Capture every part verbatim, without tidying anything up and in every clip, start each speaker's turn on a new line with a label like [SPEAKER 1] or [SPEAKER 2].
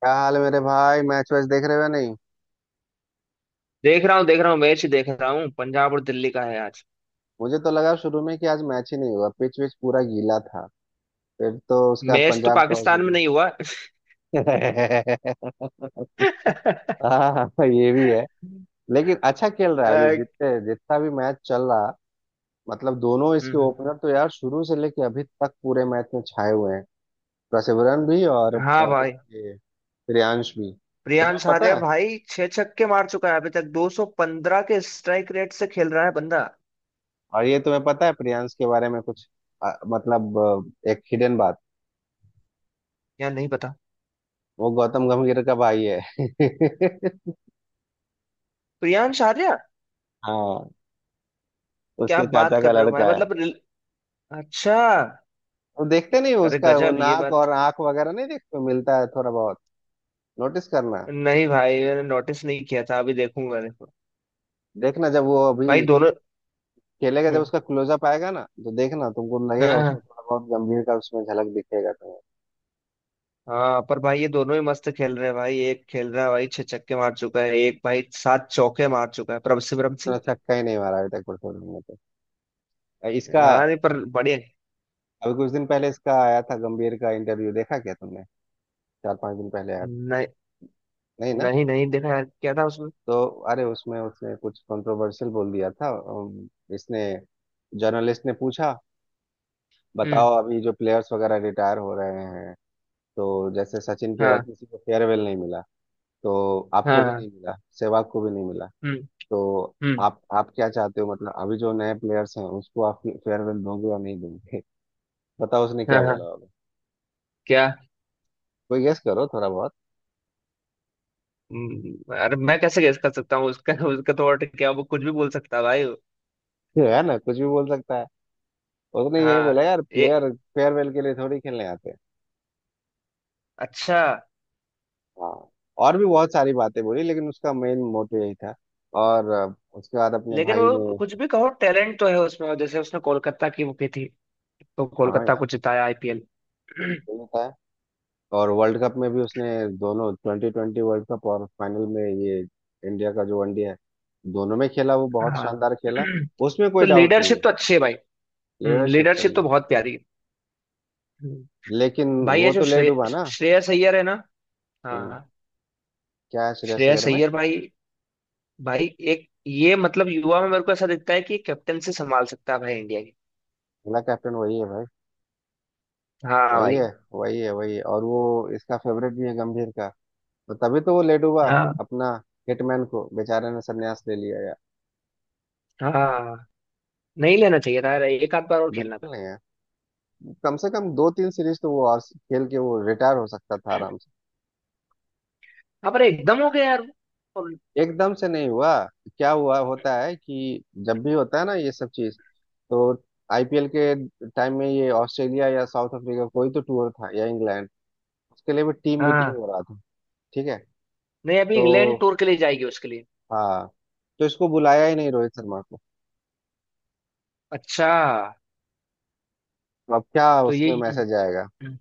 [SPEAKER 1] क्या हाल है मेरे भाई? मैच वैच देख रहे हो या नहीं?
[SPEAKER 2] देख रहा हूँ देख रहा हूँ मैच देख रहा हूँ। पंजाब और दिल्ली का है आज।
[SPEAKER 1] मुझे तो लगा शुरू में कि आज मैच ही नहीं होगा, पिच विच पूरा गीला था। फिर तो उसके बाद
[SPEAKER 2] मैच तो
[SPEAKER 1] पंजाब टॉस
[SPEAKER 2] पाकिस्तान में
[SPEAKER 1] जीती।
[SPEAKER 2] नहीं हुआ।
[SPEAKER 1] हाँ, ये भी है। लेकिन अच्छा खेल रहा है अभी
[SPEAKER 2] अ,
[SPEAKER 1] जितने जितना भी मैच चल रहा। मतलब दोनों इसके
[SPEAKER 2] हम्म,
[SPEAKER 1] ओपनर तो यार शुरू से लेके अभी तक पूरे मैच में छाए हुए हैं। प्रसिवरन भी और
[SPEAKER 2] हाँ
[SPEAKER 1] अ,
[SPEAKER 2] भाई।
[SPEAKER 1] ये प्रियांश भी। और तुम्हें
[SPEAKER 2] प्रियांश
[SPEAKER 1] पता
[SPEAKER 2] आर्या
[SPEAKER 1] है?
[SPEAKER 2] भाई छह छक्के मार चुका है, अभी तक दो सौ पंद्रह के स्ट्राइक रेट से खेल रहा है बंदा।
[SPEAKER 1] और ये तुम्हें पता है प्रियांश के बारे में कुछ? अ, मतलब अ, एक हिडन बात।
[SPEAKER 2] या नहीं पता।
[SPEAKER 1] वो गौतम गंभीर का भाई है।
[SPEAKER 2] प्रियांश आर्या,
[SPEAKER 1] हाँ,
[SPEAKER 2] क्या
[SPEAKER 1] उसके
[SPEAKER 2] बात
[SPEAKER 1] चाचा का
[SPEAKER 2] कर रहे हो भाई?
[SPEAKER 1] लड़का है।
[SPEAKER 2] मतलब रिल- अच्छा।
[SPEAKER 1] वो देखते नहीं हो
[SPEAKER 2] अरे
[SPEAKER 1] उसका? वो
[SPEAKER 2] गजब ये
[SPEAKER 1] नाक
[SPEAKER 2] बात।
[SPEAKER 1] और आंख वगैरह नहीं देखते हो, मिलता है थोड़ा बहुत। नोटिस करना।
[SPEAKER 2] नहीं भाई, मैंने नोटिस नहीं किया था, अभी देखूंगा देखो।
[SPEAKER 1] देखना जब वो
[SPEAKER 2] भाई
[SPEAKER 1] अभी
[SPEAKER 2] दोनों।
[SPEAKER 1] खेलेगा, जब
[SPEAKER 2] हम्म,
[SPEAKER 1] उसका क्लोजअप आएगा ना, तो देखना, तुमको
[SPEAKER 2] हाँ
[SPEAKER 1] लगेगा उसमें
[SPEAKER 2] हाँ।
[SPEAKER 1] थोड़ा बहुत गंभीर का, उसमें झलक दिखेगा तुम्हें।
[SPEAKER 2] हाँ पर भाई ये दोनों ही मस्त खेल रहे हैं भाई। एक खेल रहा है भाई, छह छक्के मार चुका है, एक भाई सात चौके मार चुका है, प्रभ सिमरन सिंह।
[SPEAKER 1] उसने छक्का ही नहीं मारा अभी तक कुछ में तो। इसका
[SPEAKER 2] हाँ नहीं, पर बढ़िया।
[SPEAKER 1] अभी कुछ दिन पहले इसका आया था गंभीर का इंटरव्यू, देखा क्या तुमने? चार पांच दिन पहले आया था।
[SPEAKER 2] नहीं
[SPEAKER 1] नहीं ना?
[SPEAKER 2] नहीं, नहीं देखा यार, क्या था उसमें?
[SPEAKER 1] तो अरे उसमें उसने कुछ कंट्रोवर्शियल बोल दिया था। अम, इसने जर्नलिस्ट ने पूछा,
[SPEAKER 2] हम्म।
[SPEAKER 1] बताओ, अभी जो प्लेयर्स वगैरह रिटायर हो रहे हैं, तो जैसे सचिन के बाद
[SPEAKER 2] हाँ।
[SPEAKER 1] किसी को फेयरवेल नहीं मिला, तो आपको
[SPEAKER 2] हाँ
[SPEAKER 1] भी
[SPEAKER 2] हाँ,
[SPEAKER 1] नहीं मिला, सहवाग को भी नहीं मिला।
[SPEAKER 2] हम्म।
[SPEAKER 1] तो
[SPEAKER 2] हम्म।
[SPEAKER 1] आप आप क्या चाहते हो, मतलब अभी जो नए प्लेयर्स हैं उसको आप फेयरवेल दोगे या नहीं दोगे? बताओ उसने
[SPEAKER 2] हाँ
[SPEAKER 1] क्या
[SPEAKER 2] हाँ।
[SPEAKER 1] बोला होगा।
[SPEAKER 2] क्या?
[SPEAKER 1] कोई गेस करो थोड़ा बहुत।
[SPEAKER 2] हम्म, अरे मैं कैसे गेस कर सकता हूँ उसका? उसका तो और क्या, वो कुछ भी बोल सकता है भाई।
[SPEAKER 1] है ना, कुछ भी बोल सकता है। उसने यही
[SPEAKER 2] हाँ।
[SPEAKER 1] बोला यार,
[SPEAKER 2] ये।
[SPEAKER 1] प्लेयर फेयरवेल के लिए थोड़ी खेलने आते हैं।
[SPEAKER 2] अच्छा।
[SPEAKER 1] हाँ, और भी बहुत सारी बातें बोली लेकिन उसका मेन मोटिव यही था। और अ, उसके बाद अपने
[SPEAKER 2] लेकिन
[SPEAKER 1] भाई ने।
[SPEAKER 2] वो कुछ भी कहो, टैलेंट तो है उसमें। और जैसे उसने कोलकाता की वो की थी, तो
[SPEAKER 1] हाँ
[SPEAKER 2] कोलकाता
[SPEAKER 1] यार,
[SPEAKER 2] को जिताया आईपीएल।
[SPEAKER 1] सही बताया। और वर्ल्ड कप में भी उसने, दोनों ट्वेंटी ट्वेंटी वर्ल्ड कप और फाइनल में, ये इंडिया का जो वनडे है, दोनों में खेला, वो बहुत
[SPEAKER 2] हाँ।
[SPEAKER 1] शानदार खेला। उसमें
[SPEAKER 2] तो
[SPEAKER 1] कोई डाउट नहीं
[SPEAKER 2] लीडरशिप
[SPEAKER 1] है।
[SPEAKER 2] तो अच्छी है भाई। हम्म,
[SPEAKER 1] लीडरशिप
[SPEAKER 2] लीडरशिप
[SPEAKER 1] सही
[SPEAKER 2] तो
[SPEAKER 1] है।
[SPEAKER 2] बहुत प्यारी है। हम्म,
[SPEAKER 1] लेकिन
[SPEAKER 2] भाई ये
[SPEAKER 1] वो
[SPEAKER 2] जो
[SPEAKER 1] तो ले
[SPEAKER 2] श्रे,
[SPEAKER 1] डूबा ना।
[SPEAKER 2] श्रेयस अय्यर है ना। हाँ
[SPEAKER 1] हम्म।
[SPEAKER 2] हाँ,
[SPEAKER 1] क्या है श्रेयस अय्यर
[SPEAKER 2] श्रेयस
[SPEAKER 1] में?
[SPEAKER 2] अय्यर भाई। भाई एक ये मतलब युवा में मेरे को ऐसा दिखता है कि कैप्टन से संभाल सकता है भाई इंडिया की।
[SPEAKER 1] अगला कैप्टन वही है भाई।
[SPEAKER 2] हाँ
[SPEAKER 1] वही
[SPEAKER 2] भाई।
[SPEAKER 1] है, वही है। वही है। और वो इसका फेवरेट भी है गंभीर का। तो तभी तो वो लेट हुआ
[SPEAKER 2] हाँ।
[SPEAKER 1] अपना। हिटमैन को बेचारे ने संन्यास ले लिया यार।
[SPEAKER 2] हाँ नहीं लेना चाहिए था यार, एक आध बार और खेलना था।
[SPEAKER 1] बिल्कुल नहीं यार। कम से कम दो तीन सीरीज तो वो और खेल के वो रिटायर हो सकता था आराम से।
[SPEAKER 2] हाँ पर एकदम हो गया यार वो। और।
[SPEAKER 1] एकदम से नहीं हुआ। क्या हुआ होता है कि जब भी होता है ना ये सब चीज, तो आईपीएल के टाइम में ये ऑस्ट्रेलिया या साउथ अफ्रीका, कोई तो टूर था, या इंग्लैंड, उसके लिए भी टीम मीटिंग
[SPEAKER 2] हाँ।
[SPEAKER 1] हो रहा था। ठीक है।
[SPEAKER 2] नहीं अभी
[SPEAKER 1] तो
[SPEAKER 2] इंग्लैंड टूर के लिए जाएगी उसके लिए।
[SPEAKER 1] हाँ, तो इसको बुलाया ही नहीं रोहित शर्मा को।
[SPEAKER 2] अच्छा।
[SPEAKER 1] अब क्या
[SPEAKER 2] तो ये।
[SPEAKER 1] उसमें मैसेज आएगा?
[SPEAKER 2] हम्म,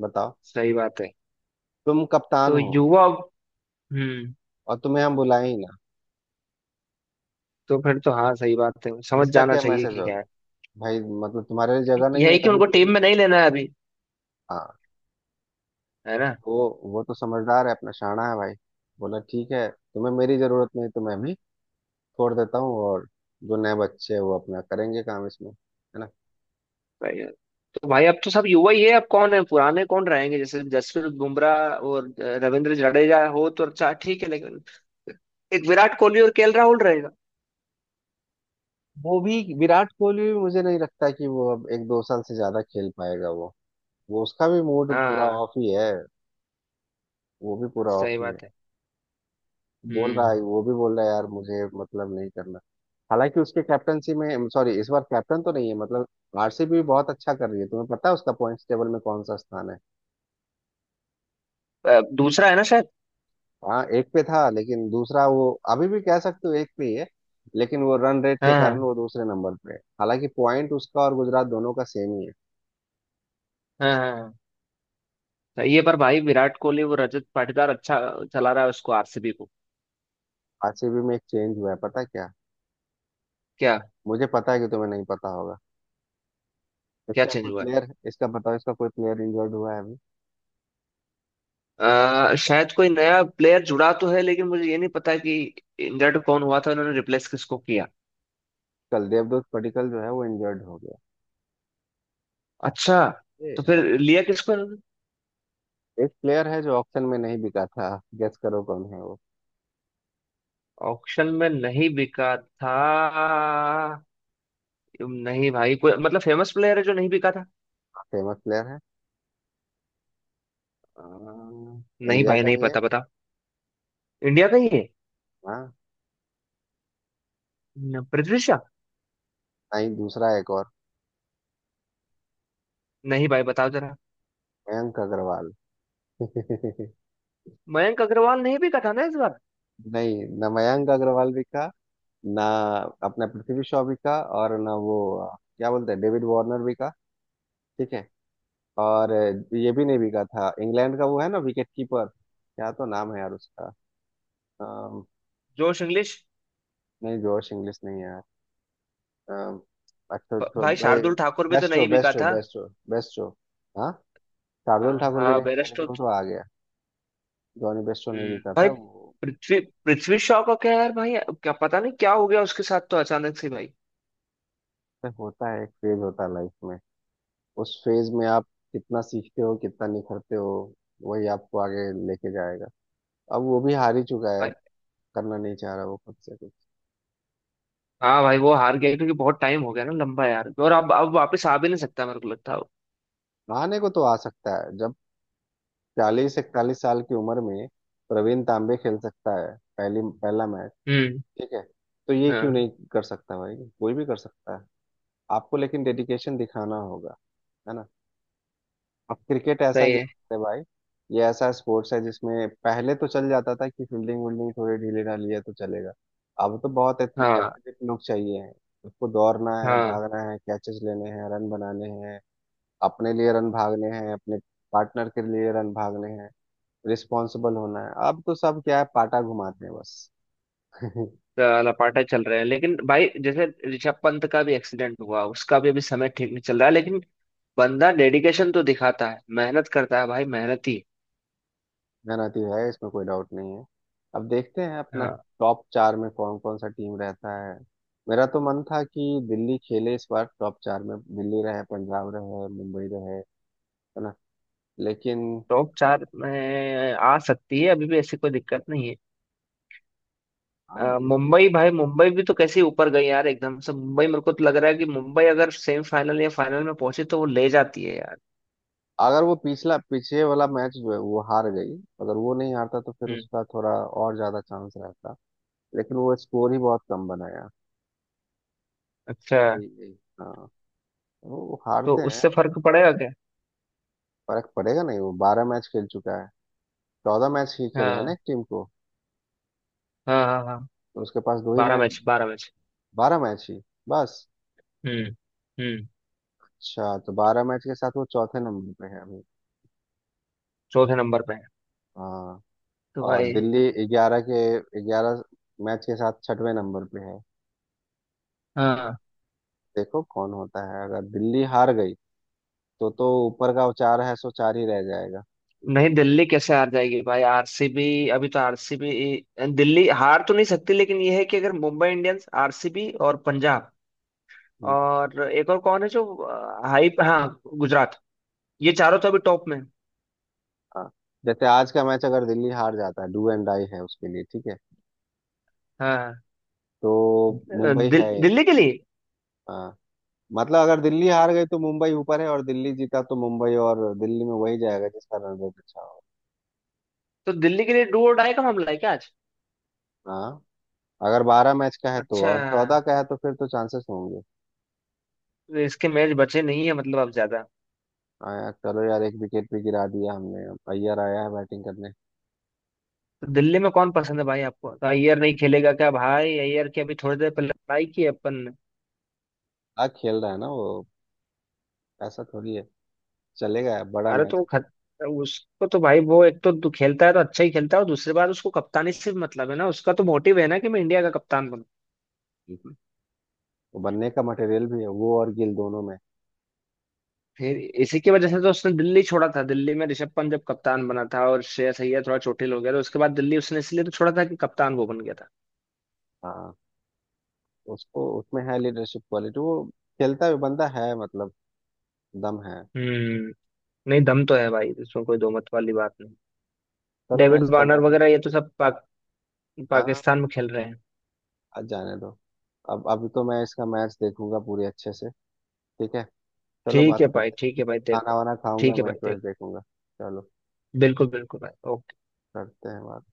[SPEAKER 1] बताओ,
[SPEAKER 2] सही बात है।
[SPEAKER 1] तुम कप्तान
[SPEAKER 2] तो
[SPEAKER 1] हो
[SPEAKER 2] युवा। हम्म।
[SPEAKER 1] और तुम्हें हम बुलाए ही ना।
[SPEAKER 2] तो फिर तो हाँ सही बात है, समझ
[SPEAKER 1] इसका
[SPEAKER 2] जाना
[SPEAKER 1] क्या
[SPEAKER 2] चाहिए
[SPEAKER 1] मैसेज
[SPEAKER 2] कि
[SPEAKER 1] होगा
[SPEAKER 2] क्या है।
[SPEAKER 1] भाई? मतलब तुम्हारे लिए जगह नहीं है
[SPEAKER 2] यही कि
[SPEAKER 1] तभी
[SPEAKER 2] उनको
[SPEAKER 1] तो तुम।
[SPEAKER 2] टीम में नहीं लेना है अभी।
[SPEAKER 1] हाँ।
[SPEAKER 2] है ना।
[SPEAKER 1] तो वो वो तो समझदार है अपना, शाना है भाई। बोला, ठीक है, तुम्हें मेरी जरूरत नहीं तो मैं भी छोड़ देता हूँ, और जो नए बच्चे हैं वो अपना करेंगे काम इसमें, है ना।
[SPEAKER 2] भाई। तो भाई अब तो सब युवा ही है, अब कौन है पुराने, कौन रहेंगे? जैसे जसप्रीत बुमराह और अ, रविंद्र जडेजा हो तो अच्छा ठीक है, लेकिन एक विराट कोहली और केएल राहुल रहेगा।
[SPEAKER 1] वो भी, विराट कोहली भी मुझे नहीं लगता कि वो अब एक दो साल से ज्यादा खेल पाएगा वो वो उसका भी मूड
[SPEAKER 2] हाँ
[SPEAKER 1] पूरा
[SPEAKER 2] हाँ,
[SPEAKER 1] ऑफ ही है। वो भी पूरा ऑफ
[SPEAKER 2] सही
[SPEAKER 1] ही है।
[SPEAKER 2] बात है।
[SPEAKER 1] बोल रहा
[SPEAKER 2] हम्म।
[SPEAKER 1] है, वो भी बोल रहा है यार मुझे मतलब नहीं करना। हालांकि उसके कैप्टनसी में, सॉरी, इस बार कैप्टन तो नहीं है मतलब, आरसीबी भी बहुत अच्छा कर रही है। तुम्हें पता है उसका पॉइंट्स टेबल में कौन सा स्थान है?
[SPEAKER 2] अ, दूसरा है ना शायद।
[SPEAKER 1] हाँ, एक पे था लेकिन दूसरा, वो अभी भी कह सकते हो एक पे ही है। लेकिन वो रन रेट के
[SPEAKER 2] हाँ
[SPEAKER 1] कारण
[SPEAKER 2] हाँ
[SPEAKER 1] वो दूसरे नंबर पे है, हालांकि पॉइंट उसका और गुजरात दोनों का सेम ही है।
[SPEAKER 2] हाँ। हाँ हाँ। सही है पर भाई विराट कोहली, वो रजत पाटीदार अच्छा चला रहा है उसको, आरसीबी को।
[SPEAKER 1] आरसीबी में एक चेंज हुआ है, पता है क्या?
[SPEAKER 2] क्या?
[SPEAKER 1] मुझे पता है कि तुम्हें नहीं पता होगा।
[SPEAKER 2] क्या
[SPEAKER 1] इसका
[SPEAKER 2] चेंज
[SPEAKER 1] कोई
[SPEAKER 2] हुआ है?
[SPEAKER 1] प्लेयर इसका बताओ, इसका कोई प्लेयर इंजर्ड हुआ है अभी।
[SPEAKER 2] अ, शायद कोई नया प्लेयर जुड़ा तो है लेकिन मुझे ये नहीं पता कि इंजर्ड कौन हुआ था, उन्होंने रिप्लेस किसको किया।
[SPEAKER 1] कल देवदूत पडिक्कल जो है वो इंजर्ड हो गया।
[SPEAKER 2] अच्छा।
[SPEAKER 1] ये
[SPEAKER 2] तो फिर लिया किसको इन्होंने?
[SPEAKER 1] एक प्लेयर है जो ऑक्शन में नहीं बिका था, गेस करो कौन है वो।
[SPEAKER 2] ऑक्शन में नहीं बिका था? नहीं भाई कोई मतलब फेमस प्लेयर है जो नहीं बिका था?
[SPEAKER 1] फेमस प्लेयर है,
[SPEAKER 2] अ, नहीं
[SPEAKER 1] इंडिया
[SPEAKER 2] भाई
[SPEAKER 1] का
[SPEAKER 2] नहीं
[SPEAKER 1] ही है।
[SPEAKER 2] पता, बता। इंडिया का ही है।
[SPEAKER 1] हाँ।
[SPEAKER 2] न, पृथ्वी शॉ।
[SPEAKER 1] नहीं, दूसरा एक और।
[SPEAKER 2] नहीं भाई बताओ जरा।
[SPEAKER 1] मयंक अग्रवाल।
[SPEAKER 2] मयंक अग्रवाल नहीं बिका था ना इस बार?
[SPEAKER 1] नहीं ना, मयंक अग्रवाल बिका, ना अपना पृथ्वी शॉ बिका, और ना वो अ, क्या बोलते हैं, डेविड वार्नर बिका। ठीक है। और अ, ये भी नहीं बिका था इंग्लैंड का, वो है ना विकेट कीपर, क्या तो नाम है यार उसका? अम,
[SPEAKER 2] जोश इंग्लिश।
[SPEAKER 1] नहीं जोश इंग्लिश नहीं है यार। अम, अच्छा
[SPEAKER 2] भ-
[SPEAKER 1] तो
[SPEAKER 2] भाई
[SPEAKER 1] भाई,
[SPEAKER 2] शार्दुल ठाकुर भी तो
[SPEAKER 1] बेस्टो,
[SPEAKER 2] नहीं बिका
[SPEAKER 1] बेस्टो,
[SPEAKER 2] था।
[SPEAKER 1] बेस्टो। बेस्टो। शार्दुल
[SPEAKER 2] हाँ
[SPEAKER 1] ठाकुर भी
[SPEAKER 2] हाँ,
[SPEAKER 1] नहीं बिका
[SPEAKER 2] बेरस्टो
[SPEAKER 1] लेकिन वो
[SPEAKER 2] तो।
[SPEAKER 1] तो आ गया। जॉनी बेस्टो नहीं
[SPEAKER 2] हम्म,
[SPEAKER 1] बिका था
[SPEAKER 2] भाई
[SPEAKER 1] वो।
[SPEAKER 2] पृथ्वी पृथ्वी शॉ का क्या यार भाई? क्या पता नहीं क्या हो गया उसके साथ तो अचानक से भाई।
[SPEAKER 1] ऐसे होता है, एक फेज होता है लाइफ में। उस फेज में आप कितना सीखते हो, कितना निखरते हो, वही आपको आगे लेके जाएगा। अब वो भी हार ही चुका है अब, करना नहीं चाह रहा वो खुद से कुछ।
[SPEAKER 2] हाँ भाई वो हार गया क्योंकि बहुत टाइम हो गया ना लंबा यार, और अब अब वापस आ भी नहीं सकता, मेरे को लगता है वो।
[SPEAKER 1] आने को तो आ सकता है। जब चालीस इकतालीस साल की उम्र में प्रवीण तांबे खेल सकता है पहली पहला मैच,
[SPEAKER 2] हम्म।
[SPEAKER 1] ठीक है, तो ये क्यों
[SPEAKER 2] हाँ
[SPEAKER 1] नहीं कर सकता भाई? कोई भी कर सकता है। आपको लेकिन डेडिकेशन दिखाना होगा, है ना। अब क्रिकेट ऐसा
[SPEAKER 2] सही है।
[SPEAKER 1] गेम है भाई, ये ऐसा स्पोर्ट्स है जिसमें पहले तो चल जाता था कि फील्डिंग वील्डिंग थोड़ी ढीली ढाली है तो चलेगा, अब तो बहुत एथली-
[SPEAKER 2] हाँ
[SPEAKER 1] एथलेटिक लोग चाहिए हैं। उसको दौड़ना है,
[SPEAKER 2] हाँ।
[SPEAKER 1] भागना है, कैचेस लेने हैं, रन बनाने हैं। अपने लिए रन भागने हैं, अपने पार्टनर के लिए रन भागने हैं, रिस्पॉन्सिबल होना है। अब तो सब क्या है, पाटा घुमाते हैं बस।
[SPEAKER 2] तो लपाटा चल रहे हैं लेकिन भाई जैसे ऋषभ पंत का भी एक्सीडेंट हुआ, उसका भी अभी समय ठीक नहीं चल रहा है, लेकिन बंदा डेडिकेशन तो दिखाता है, मेहनत करता है भाई, मेहनती।
[SPEAKER 1] मेहनती है, इसमें कोई डाउट नहीं है। अब देखते हैं अपना
[SPEAKER 2] हाँ।
[SPEAKER 1] टॉप चार में कौन कौन सा टीम रहता है। मेरा तो मन था कि दिल्ली खेले इस बार, टॉप चार में दिल्ली रहे, पंजाब रहे, मुंबई रहे, है ना। लेकिन
[SPEAKER 2] टॉप चार में आ सकती है अभी भी, ऐसी कोई दिक्कत नहीं है। अ,
[SPEAKER 1] हाँ, ये भी है।
[SPEAKER 2] मुंबई भाई, मुंबई भी तो कैसे ऊपर गई यार एकदम से। मुंबई मेरे को तो लग रहा है कि मुंबई अगर सेमीफाइनल या फाइनल में पहुंचे तो वो ले जाती है।
[SPEAKER 1] अगर वो पिछला, पीछे वाला मैच जो है वो हार गई, अगर वो नहीं हारता तो फिर
[SPEAKER 2] यार।
[SPEAKER 1] उसका थोड़ा और ज्यादा चांस रहता। लेकिन वो स्कोर ही बहुत कम बनाया।
[SPEAKER 2] अच्छा।
[SPEAKER 1] यही यही। हाँ, वो वो
[SPEAKER 2] तो
[SPEAKER 1] हारते हैं।
[SPEAKER 2] उससे फर्क पड़ेगा क्या?
[SPEAKER 1] फर्क पड़ेगा, नहीं, वो बारह मैच खेल चुका है। चौदह मैच ही खेलना है ना
[SPEAKER 2] हाँ
[SPEAKER 1] एक टीम को,
[SPEAKER 2] हाँ हाँ। हाँ
[SPEAKER 1] तो उसके पास दो ही
[SPEAKER 2] बारह
[SPEAKER 1] मैच
[SPEAKER 2] मैच, बारह मैच।
[SPEAKER 1] बारह मैच ही बस।
[SPEAKER 2] हम्म। हम्म।
[SPEAKER 1] अच्छा, तो बारह मैच के साथ वो चौथे नंबर पे है अभी।
[SPEAKER 2] चौथे नंबर पे है?
[SPEAKER 1] हाँ।
[SPEAKER 2] तो
[SPEAKER 1] और
[SPEAKER 2] भाई।
[SPEAKER 1] दिल्ली ग्यारह के ग्यारह मैच के साथ छठवें नंबर पे है।
[SPEAKER 2] हाँ।
[SPEAKER 1] देखो कौन होता है। अगर दिल्ली हार गई तो तो ऊपर का वो चार है, सो चार ही रह जाएगा।
[SPEAKER 2] नहीं दिल्ली कैसे हार जाएगी भाई, आरसीबी। अभी तो आरसीबी। दिल्ली हार तो नहीं सकती, लेकिन यह है कि अगर मुंबई इंडियंस, आरसीबी और पंजाब
[SPEAKER 1] हम्म।
[SPEAKER 2] और एक और कौन है जो अ, हाई, हाँ, गुजरात, ये चारों तो अभी टॉप में हैं।
[SPEAKER 1] हाँ। जैसे आज का मैच अगर दिल्ली हार जाता है, डू एंड डाई है उसके लिए, ठीक है।
[SPEAKER 2] हाँ।
[SPEAKER 1] तो
[SPEAKER 2] अ,
[SPEAKER 1] मुंबई
[SPEAKER 2] दिल,
[SPEAKER 1] है।
[SPEAKER 2] दिल्ली के लिए।
[SPEAKER 1] हाँ, मतलब अगर दिल्ली हार गई तो मुंबई ऊपर है, और दिल्ली जीता तो मुंबई और दिल्ली में वही जाएगा जिसका रन रेट अच्छा हो।
[SPEAKER 2] तो दिल्ली के लिए डू और डाई का मामला है क्या आज?
[SPEAKER 1] हाँ, अगर बारह मैच का है तो,
[SPEAKER 2] अच्छा।
[SPEAKER 1] और चौदह का है तो फिर तो चांसेस होंगे।
[SPEAKER 2] तो इसके मैच बचे नहीं है मतलब अब ज्यादा।
[SPEAKER 1] आया। चलो यार, एक विकेट भी गिरा दिया हमने, अब अय्यर आया है बैटिंग करने।
[SPEAKER 2] तो दिल्ली में कौन पसंद है भाई आपको? तो अय्यर नहीं खेलेगा क्या भाई? अय्यर की अभी थोड़ी देर पहले लड़ाई की है अपन ने।
[SPEAKER 1] आ, खेल रहा है ना वो। ऐसा थोड़ी है, चलेगा, बड़ा
[SPEAKER 2] अरे तो
[SPEAKER 1] मैच
[SPEAKER 2] वो
[SPEAKER 1] है।
[SPEAKER 2] खत उसको तो भाई वो एक तो दु- खेलता है तो अच्छा ही खेलता है, और दूसरी बात उसको कप्तानी से भी मतलब है ना, उसका तो मोटिव है ना कि मैं इंडिया का कप्तान बनूं।
[SPEAKER 1] बिल्कुल। वो बनने का मटेरियल भी है वो और गिल दोनों में।
[SPEAKER 2] फिर इसी की वजह से तो उसने दिल्ली छोड़ा था। दिल्ली में ऋषभ पंत जब कप्तान बना था और श्रेयस अय्यर थोड़ा चोटिल हो गया, तो उसके बाद दिल्ली उसने इसलिए तो छोड़ा था कि कप्तान वो बन गया था।
[SPEAKER 1] हाँ, उसको उसमें है लीडरशिप क्वालिटी वो, खेलता भी बंदा है मतलब, दम है।
[SPEAKER 2] हम्म। नहीं दम तो है भाई, इसमें कोई दो मत वाली बात नहीं।
[SPEAKER 1] चलो मैं
[SPEAKER 2] डेविड
[SPEAKER 1] इसका
[SPEAKER 2] वार्नर
[SPEAKER 1] बैटिंग।
[SPEAKER 2] वगैरह ये तो सब पाक,
[SPEAKER 1] हाँ,
[SPEAKER 2] पाकिस्तान में खेल रहे हैं।
[SPEAKER 1] आज जाने दो। अब अभी तो मैं इसका मैच देखूंगा पूरी अच्छे से। ठीक है, चलो
[SPEAKER 2] ठीक है
[SPEAKER 1] बात
[SPEAKER 2] भाई,
[SPEAKER 1] करते हैं।
[SPEAKER 2] ठीक है भाई
[SPEAKER 1] खाना
[SPEAKER 2] देखो।
[SPEAKER 1] वाना खाऊंगा,
[SPEAKER 2] ठीक है
[SPEAKER 1] मैच
[SPEAKER 2] भाई
[SPEAKER 1] वैच
[SPEAKER 2] देखो।
[SPEAKER 1] देखूंगा। चलो
[SPEAKER 2] बिल्कुल बिल्कुल भाई, ओके।
[SPEAKER 1] करते हैं बात।